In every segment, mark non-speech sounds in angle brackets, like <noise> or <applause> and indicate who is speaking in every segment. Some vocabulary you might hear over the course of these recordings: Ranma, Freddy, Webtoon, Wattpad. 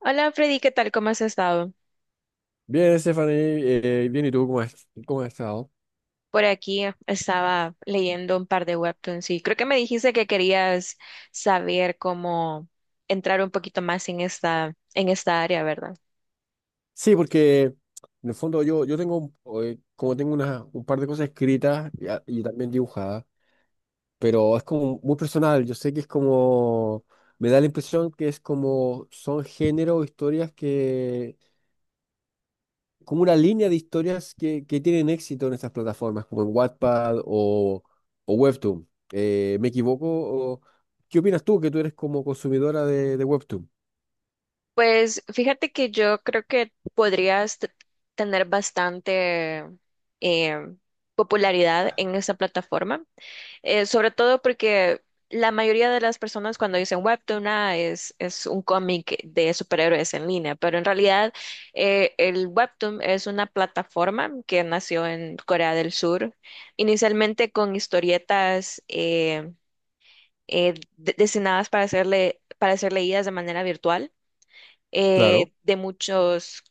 Speaker 1: Hola Freddy, ¿qué tal? ¿Cómo has estado?
Speaker 2: Bien, Stephanie, bien, ¿y tú cómo has estado?
Speaker 1: Por aquí estaba leyendo un par de webtoons y creo que me dijiste que querías saber cómo entrar un poquito más en en esta área, ¿verdad?
Speaker 2: Sí, porque en el fondo yo tengo, como tengo una, un par de cosas escritas y, y también dibujadas, pero es como muy personal, yo sé que es como, me da la impresión que es como, son género, historias que, como una línea de historias que tienen éxito en estas plataformas, como en Wattpad o Webtoon. ¿Me equivoco? O- ¿Qué opinas tú, que tú eres como consumidora de Webtoon?
Speaker 1: Pues fíjate que yo creo que podrías tener bastante eh, popularidad en esa plataforma. Sobre todo porque la mayoría de las personas cuando dicen webtoon ah, es un cómic de superhéroes en línea, pero en realidad el webtoon es una plataforma que nació en Corea del Sur, inicialmente con historietas destinadas para ser para ser leídas de manera virtual.
Speaker 2: Claro.
Speaker 1: De muchos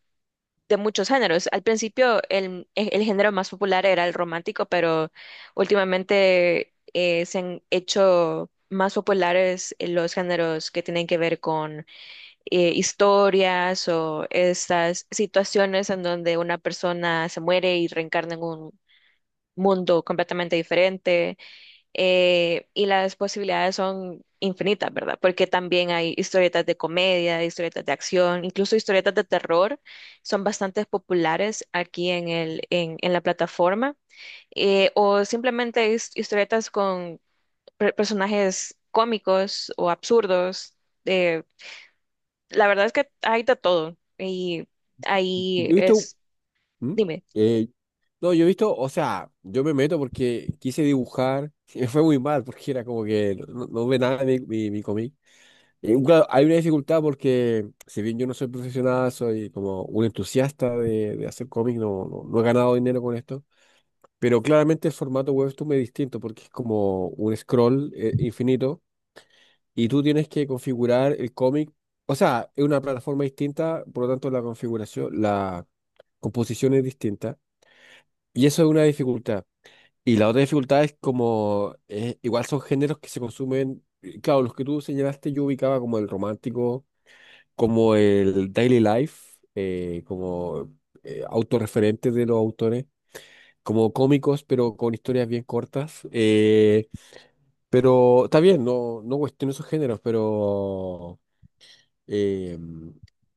Speaker 1: de muchos géneros. Al principio el género más popular era el romántico, pero últimamente se han hecho más populares los géneros que tienen que ver con historias o estas situaciones en donde una persona se muere y reencarna en un mundo completamente diferente. Y las posibilidades son infinitas, ¿verdad? Porque también hay historietas de comedia, historietas de acción, incluso historietas de terror, son bastante populares aquí en en la plataforma, o simplemente historietas con personajes cómicos o absurdos. eh, la verdad es que hay de todo y ahí
Speaker 2: Yo he visto.
Speaker 1: es,
Speaker 2: ¿Mm?
Speaker 1: dime.
Speaker 2: Eh, no, yo he visto, o sea, yo me meto porque quise dibujar, <laughs> y me fue muy mal porque era como que no, no ve nada mi cómic. Y, claro, hay una dificultad porque si bien yo no soy profesional, soy como un entusiasta de hacer cómics, no, no, no he ganado dinero con esto, pero claramente el formato webtoon es distinto porque es como un scroll infinito y tú tienes que configurar el cómic, o sea, es una plataforma distinta, por lo tanto la configuración, la composición es distinta. Y eso es una dificultad. Y la otra dificultad es como, igual son géneros que se consumen, claro, los que tú señalaste yo ubicaba como el romántico, como el daily life, como autorreferentes de los autores, como cómicos, pero con historias bien cortas. Pero está bien, no, no cuestiono esos géneros, pero... Eh,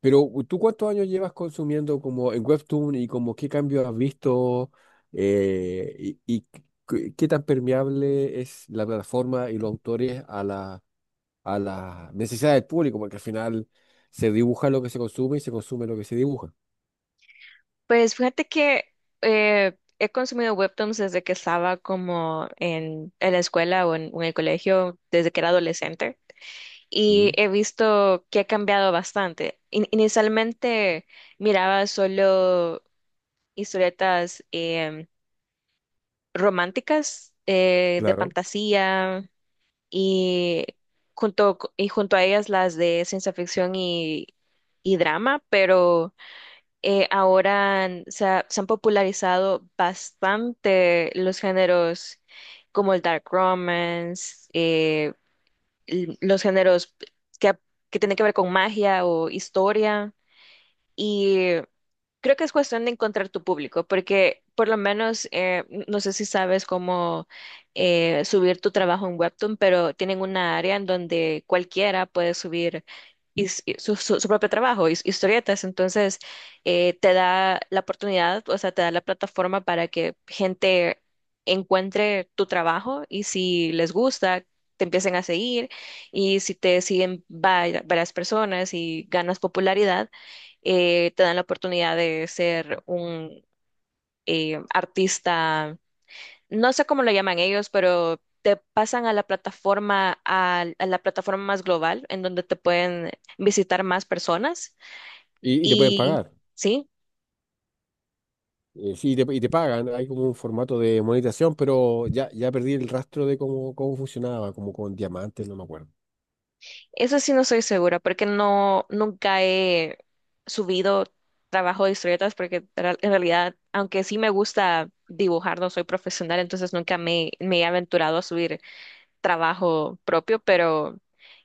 Speaker 2: pero ¿tú cuántos años llevas consumiendo como en Webtoon y como qué cambio has visto y qué qué tan permeable es la plataforma y los autores a la, a las necesidades del público? Porque al final se dibuja lo que se consume y se consume lo que se dibuja.
Speaker 1: Pues fíjate que he consumido webtoons desde que estaba como en la escuela o en el colegio, desde que era adolescente,
Speaker 2: ¿Mm?
Speaker 1: y he visto que ha cambiado bastante. Inicialmente miraba solo historietas románticas, de
Speaker 2: Claro.
Speaker 1: fantasía, y y junto a ellas las de ciencia ficción y drama. Pero se han popularizado bastante los géneros como el dark romance, los géneros que, que tienen que ver con magia o historia. Creo que es cuestión de encontrar tu público, porque por lo menos, no sé si sabes cómo subir tu trabajo en Webtoon, pero tienen una área en donde cualquiera puede subir su propio trabajo, historietas. Entonces, te da la oportunidad, o sea, te da la plataforma para que gente encuentre tu trabajo y si les gusta, te empiecen a seguir, y si te siguen varias personas y ganas popularidad, te dan la oportunidad de ser un artista, no sé cómo lo llaman ellos, pero te pasan a la plataforma, a la plataforma más global, en donde te pueden visitar más personas.
Speaker 2: Y te pueden
Speaker 1: Y
Speaker 2: pagar.
Speaker 1: sí,
Speaker 2: Sí, y te pagan. Hay como un formato de monetización, pero ya, ya perdí el rastro de cómo, cómo funcionaba, como con diamantes, no me acuerdo.
Speaker 1: eso sí no estoy segura, porque no, nunca he subido trabajo de historietas, porque en realidad, aunque sí me gusta dibujar, no soy profesional, entonces nunca me he aventurado a subir trabajo propio, pero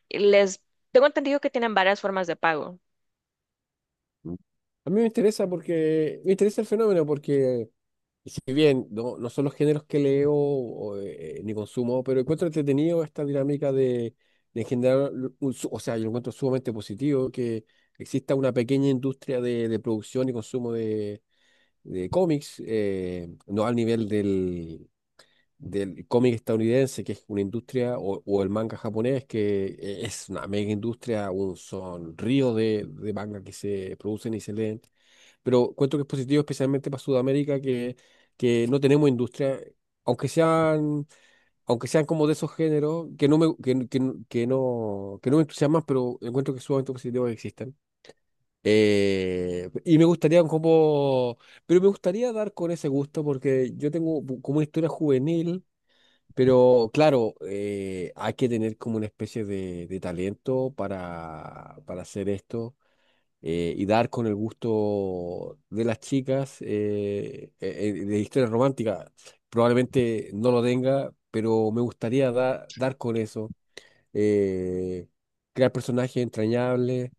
Speaker 1: les tengo entendido que tienen varias formas de pago.
Speaker 2: Mm. A mí me interesa porque me interesa el fenómeno porque si bien no, no son los géneros que leo o, ni consumo, pero encuentro entretenido esta dinámica de generar un, o sea, yo lo encuentro sumamente positivo que exista una pequeña industria de producción y consumo de cómics, no al nivel del, del cómic estadounidense, que es una industria, o el manga japonés, que es una mega industria, un sonrío de manga que se producen y se leen. Pero cuento que es positivo especialmente para Sudamérica, que no tenemos industria, aunque sean, aunque sean como de esos géneros, que no me, que, no, que no, que no me entusiasman, pero encuentro que es sumamente positivo que existan. Y me gustaría como, pero me gustaría dar con ese gusto porque yo tengo como una historia juvenil, pero claro, hay que tener como una especie de talento para hacer esto, y dar con el gusto de las chicas de historias románticas. Probablemente no lo tenga, pero me gustaría dar con eso, eh, crear personajes entrañables.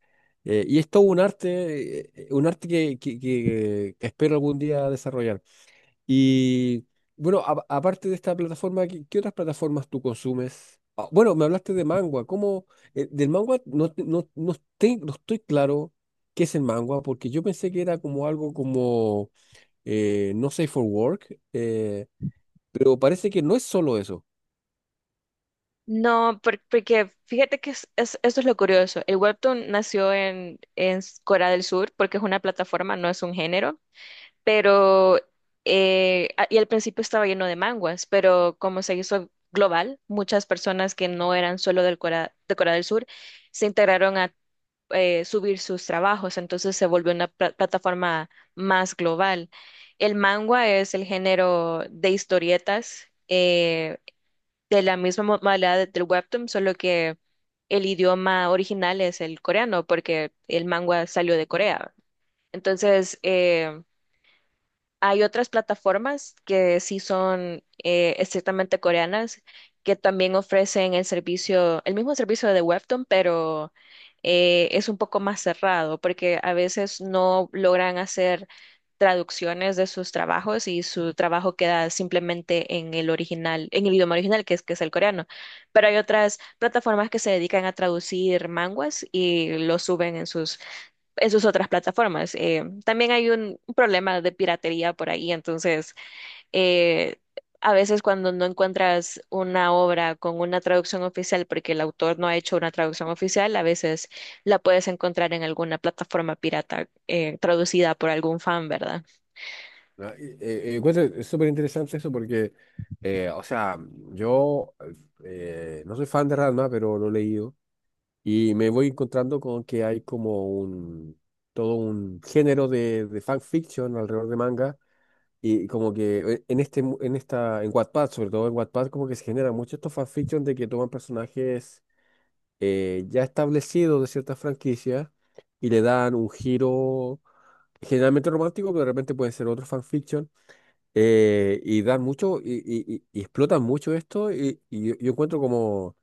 Speaker 2: Y es todo un arte que, que espero algún día desarrollar. Y bueno, aparte de esta plataforma, ¿qué, qué otras plataformas tú consumes? Ah, bueno, me hablaste de Mangua. ¿Cómo? Del Mangua no, no, no, no estoy claro qué es el Mangua, porque yo pensé que era como algo como no safe for work, pero parece que no es solo eso.
Speaker 1: No, porque fíjate que esto es lo curioso. El webtoon nació en Corea del Sur porque es una plataforma, no es un género, pero y al principio estaba lleno de manguas, pero como se hizo global, muchas personas que no eran solo del Corea, de Corea del Sur se integraron a subir sus trabajos, entonces se volvió una plataforma más global. El manga es el género de historietas, de la misma modalidad del webtoon, solo que el idioma original es el coreano, porque el manga salió de Corea. Entonces, hay otras plataformas que sí son estrictamente coreanas, que también ofrecen el servicio, el mismo servicio de Webtoon, pero es un poco más cerrado, porque a veces no logran hacer traducciones de sus trabajos y su trabajo queda simplemente en el original, en el idioma original, que es el coreano. Pero hay otras plataformas que se dedican a traducir manguas y lo suben en sus otras plataformas. También hay un problema de piratería por ahí, entonces eh, a veces cuando no encuentras una obra con una traducción oficial, porque el autor no ha hecho una traducción oficial, a veces la puedes encontrar en alguna plataforma pirata, traducida por algún fan, ¿verdad?
Speaker 2: Ah, eh, es súper interesante eso porque, o sea, yo no soy fan de Ranma, pero lo leí. Y me voy encontrando con que hay como un, todo un género de fanfiction alrededor de manga. Y como que en este, en esta, en Wattpad, sobre todo en Wattpad, como que se generan muchos estos fanfiction de que toman personajes ya establecidos de ciertas franquicias y le dan un giro generalmente romántico, pero de repente pueden ser otros fanfiction. Y dan mucho, y explotan mucho esto, y yo encuentro como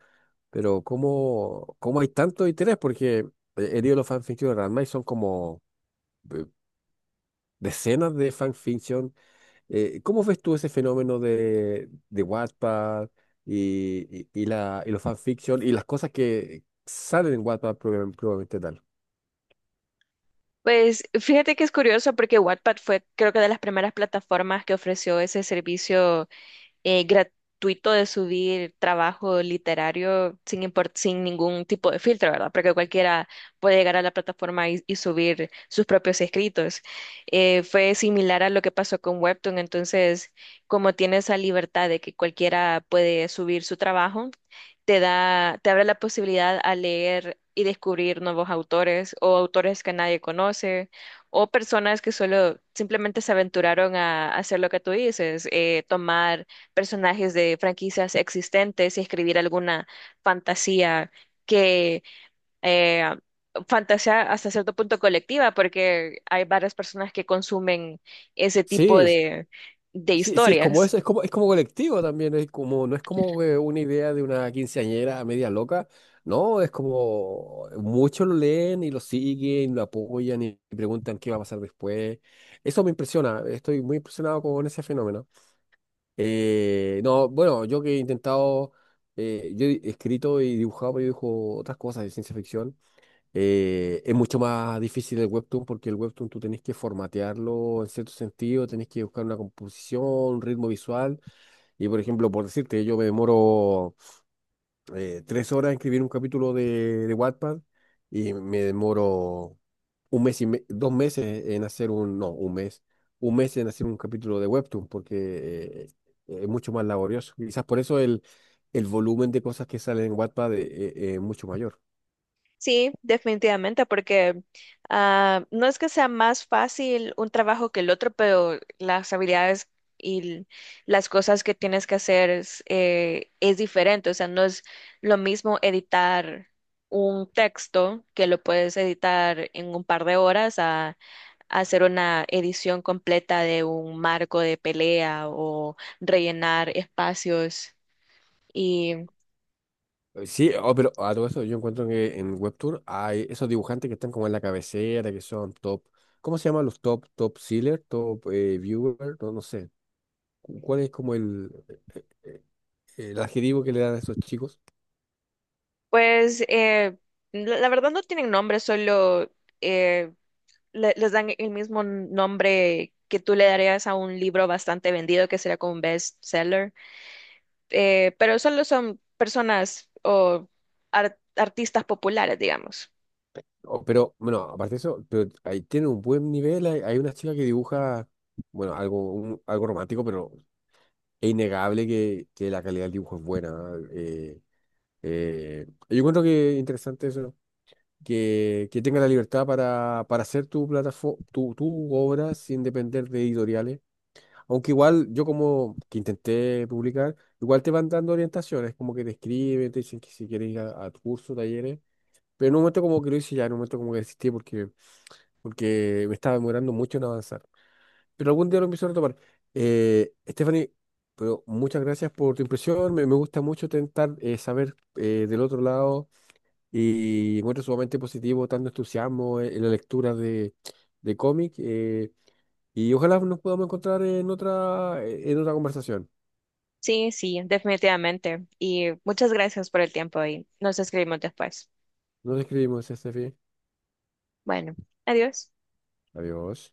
Speaker 2: pero ¿cómo, cómo hay tanto interés? Porque he leído los fanfictions de Ranma y son como eh, decenas de fanfiction. ¿Cómo ves tú ese fenómeno de Wattpad y la, y los fanfiction y las cosas que salen en Wattpad probablemente tal?
Speaker 1: Pues fíjate que es curioso porque Wattpad fue creo que de las primeras plataformas que ofreció ese servicio gratuito de subir trabajo literario sin ningún tipo de filtro, ¿verdad? Porque cualquiera puede llegar a la plataforma y subir sus propios escritos. Fue similar a lo que pasó con Webtoon. Entonces, como tiene esa libertad de que cualquiera puede subir su trabajo, te da, te abre la posibilidad a leer y descubrir nuevos autores o autores que nadie conoce o personas que solo simplemente se aventuraron a hacer lo que tú dices, tomar personajes de franquicias existentes y escribir alguna fantasía que eh, fantasía hasta cierto punto colectiva, porque hay varias personas que consumen ese tipo
Speaker 2: Sí,
Speaker 1: de
Speaker 2: sí, sí, es como
Speaker 1: historias.
Speaker 2: eso, es como colectivo también, es como, no es como una idea de una quinceañera media loca, no, es como muchos lo leen y lo siguen, lo apoyan y preguntan qué va a pasar después. Eso me impresiona, estoy muy impresionado con ese fenómeno. No, bueno, yo que he intentado, yo he escrito y dibujado, pero yo dibujo otras cosas de ciencia ficción. Es mucho más difícil el webtoon porque el webtoon tú tenés que formatearlo en cierto sentido, tenés que buscar una composición, un ritmo visual. Y por ejemplo, por decirte, yo me demoro 3 horas en escribir un capítulo de Wattpad y me demoro 1 mes y me- dos meses en hacer un, no, 1 mes, 1 mes en hacer un capítulo de webtoon porque es mucho más laborioso. Quizás por eso el volumen de cosas que salen en Wattpad es mucho mayor.
Speaker 1: Sí, definitivamente, porque ah, no es que sea más fácil un trabajo que el otro, pero las habilidades y l- las cosas que tienes que hacer es diferente. O sea, no es lo mismo editar un texto que lo puedes editar en un par de horas a hacer una edición completa de un marco de pelea o rellenar espacios.
Speaker 2: Sí, oh, pero a todo esto yo encuentro que en Webtoon hay esos dibujantes que están como en la cabecera, que son top. ¿Cómo se llaman los top, top sealer, top viewer? No, no sé, ¿cuál es como eh, el adjetivo que le dan a esos chicos?
Speaker 1: Pues la, la verdad no tienen nombre, solo eh, les dan el mismo nombre que tú le darías a un libro bastante vendido, que sería como un bestseller, pero solo son personas o artistas populares, digamos.
Speaker 2: Oh, pero bueno, aparte de eso, pero ahí tienen un buen nivel, hay una chica que dibuja, bueno, algo, algo romántico, pero es innegable que la calidad del dibujo es buena. ¿Eh? Yo encuentro que interesante eso. Que tenga la libertad para hacer tu plataforma, tu obra sin depender de editoriales. Aunque igual yo como que intenté publicar, igual te van dando orientaciones, como que te escriben, te dicen que si quieres ir a tu talleres. Pero en un momento como que lo hice ya, en un momento como que desistí porque, porque me estaba demorando mucho en avanzar. Pero algún día lo empiezo a retomar. Stephanie, pero muchas gracias por tu impresión. Me gusta mucho intentar saber del otro lado y encuentro sumamente positivo tanto entusiasmo en la lectura de cómic. Y ojalá nos podamos encontrar en otra conversación.
Speaker 1: Sí, sí, definitivamente. Y muchas gracias por el tiempo y nos escribimos después.
Speaker 2: Nos escribimos, Estefi.
Speaker 1: Bueno, adiós.
Speaker 2: Adiós.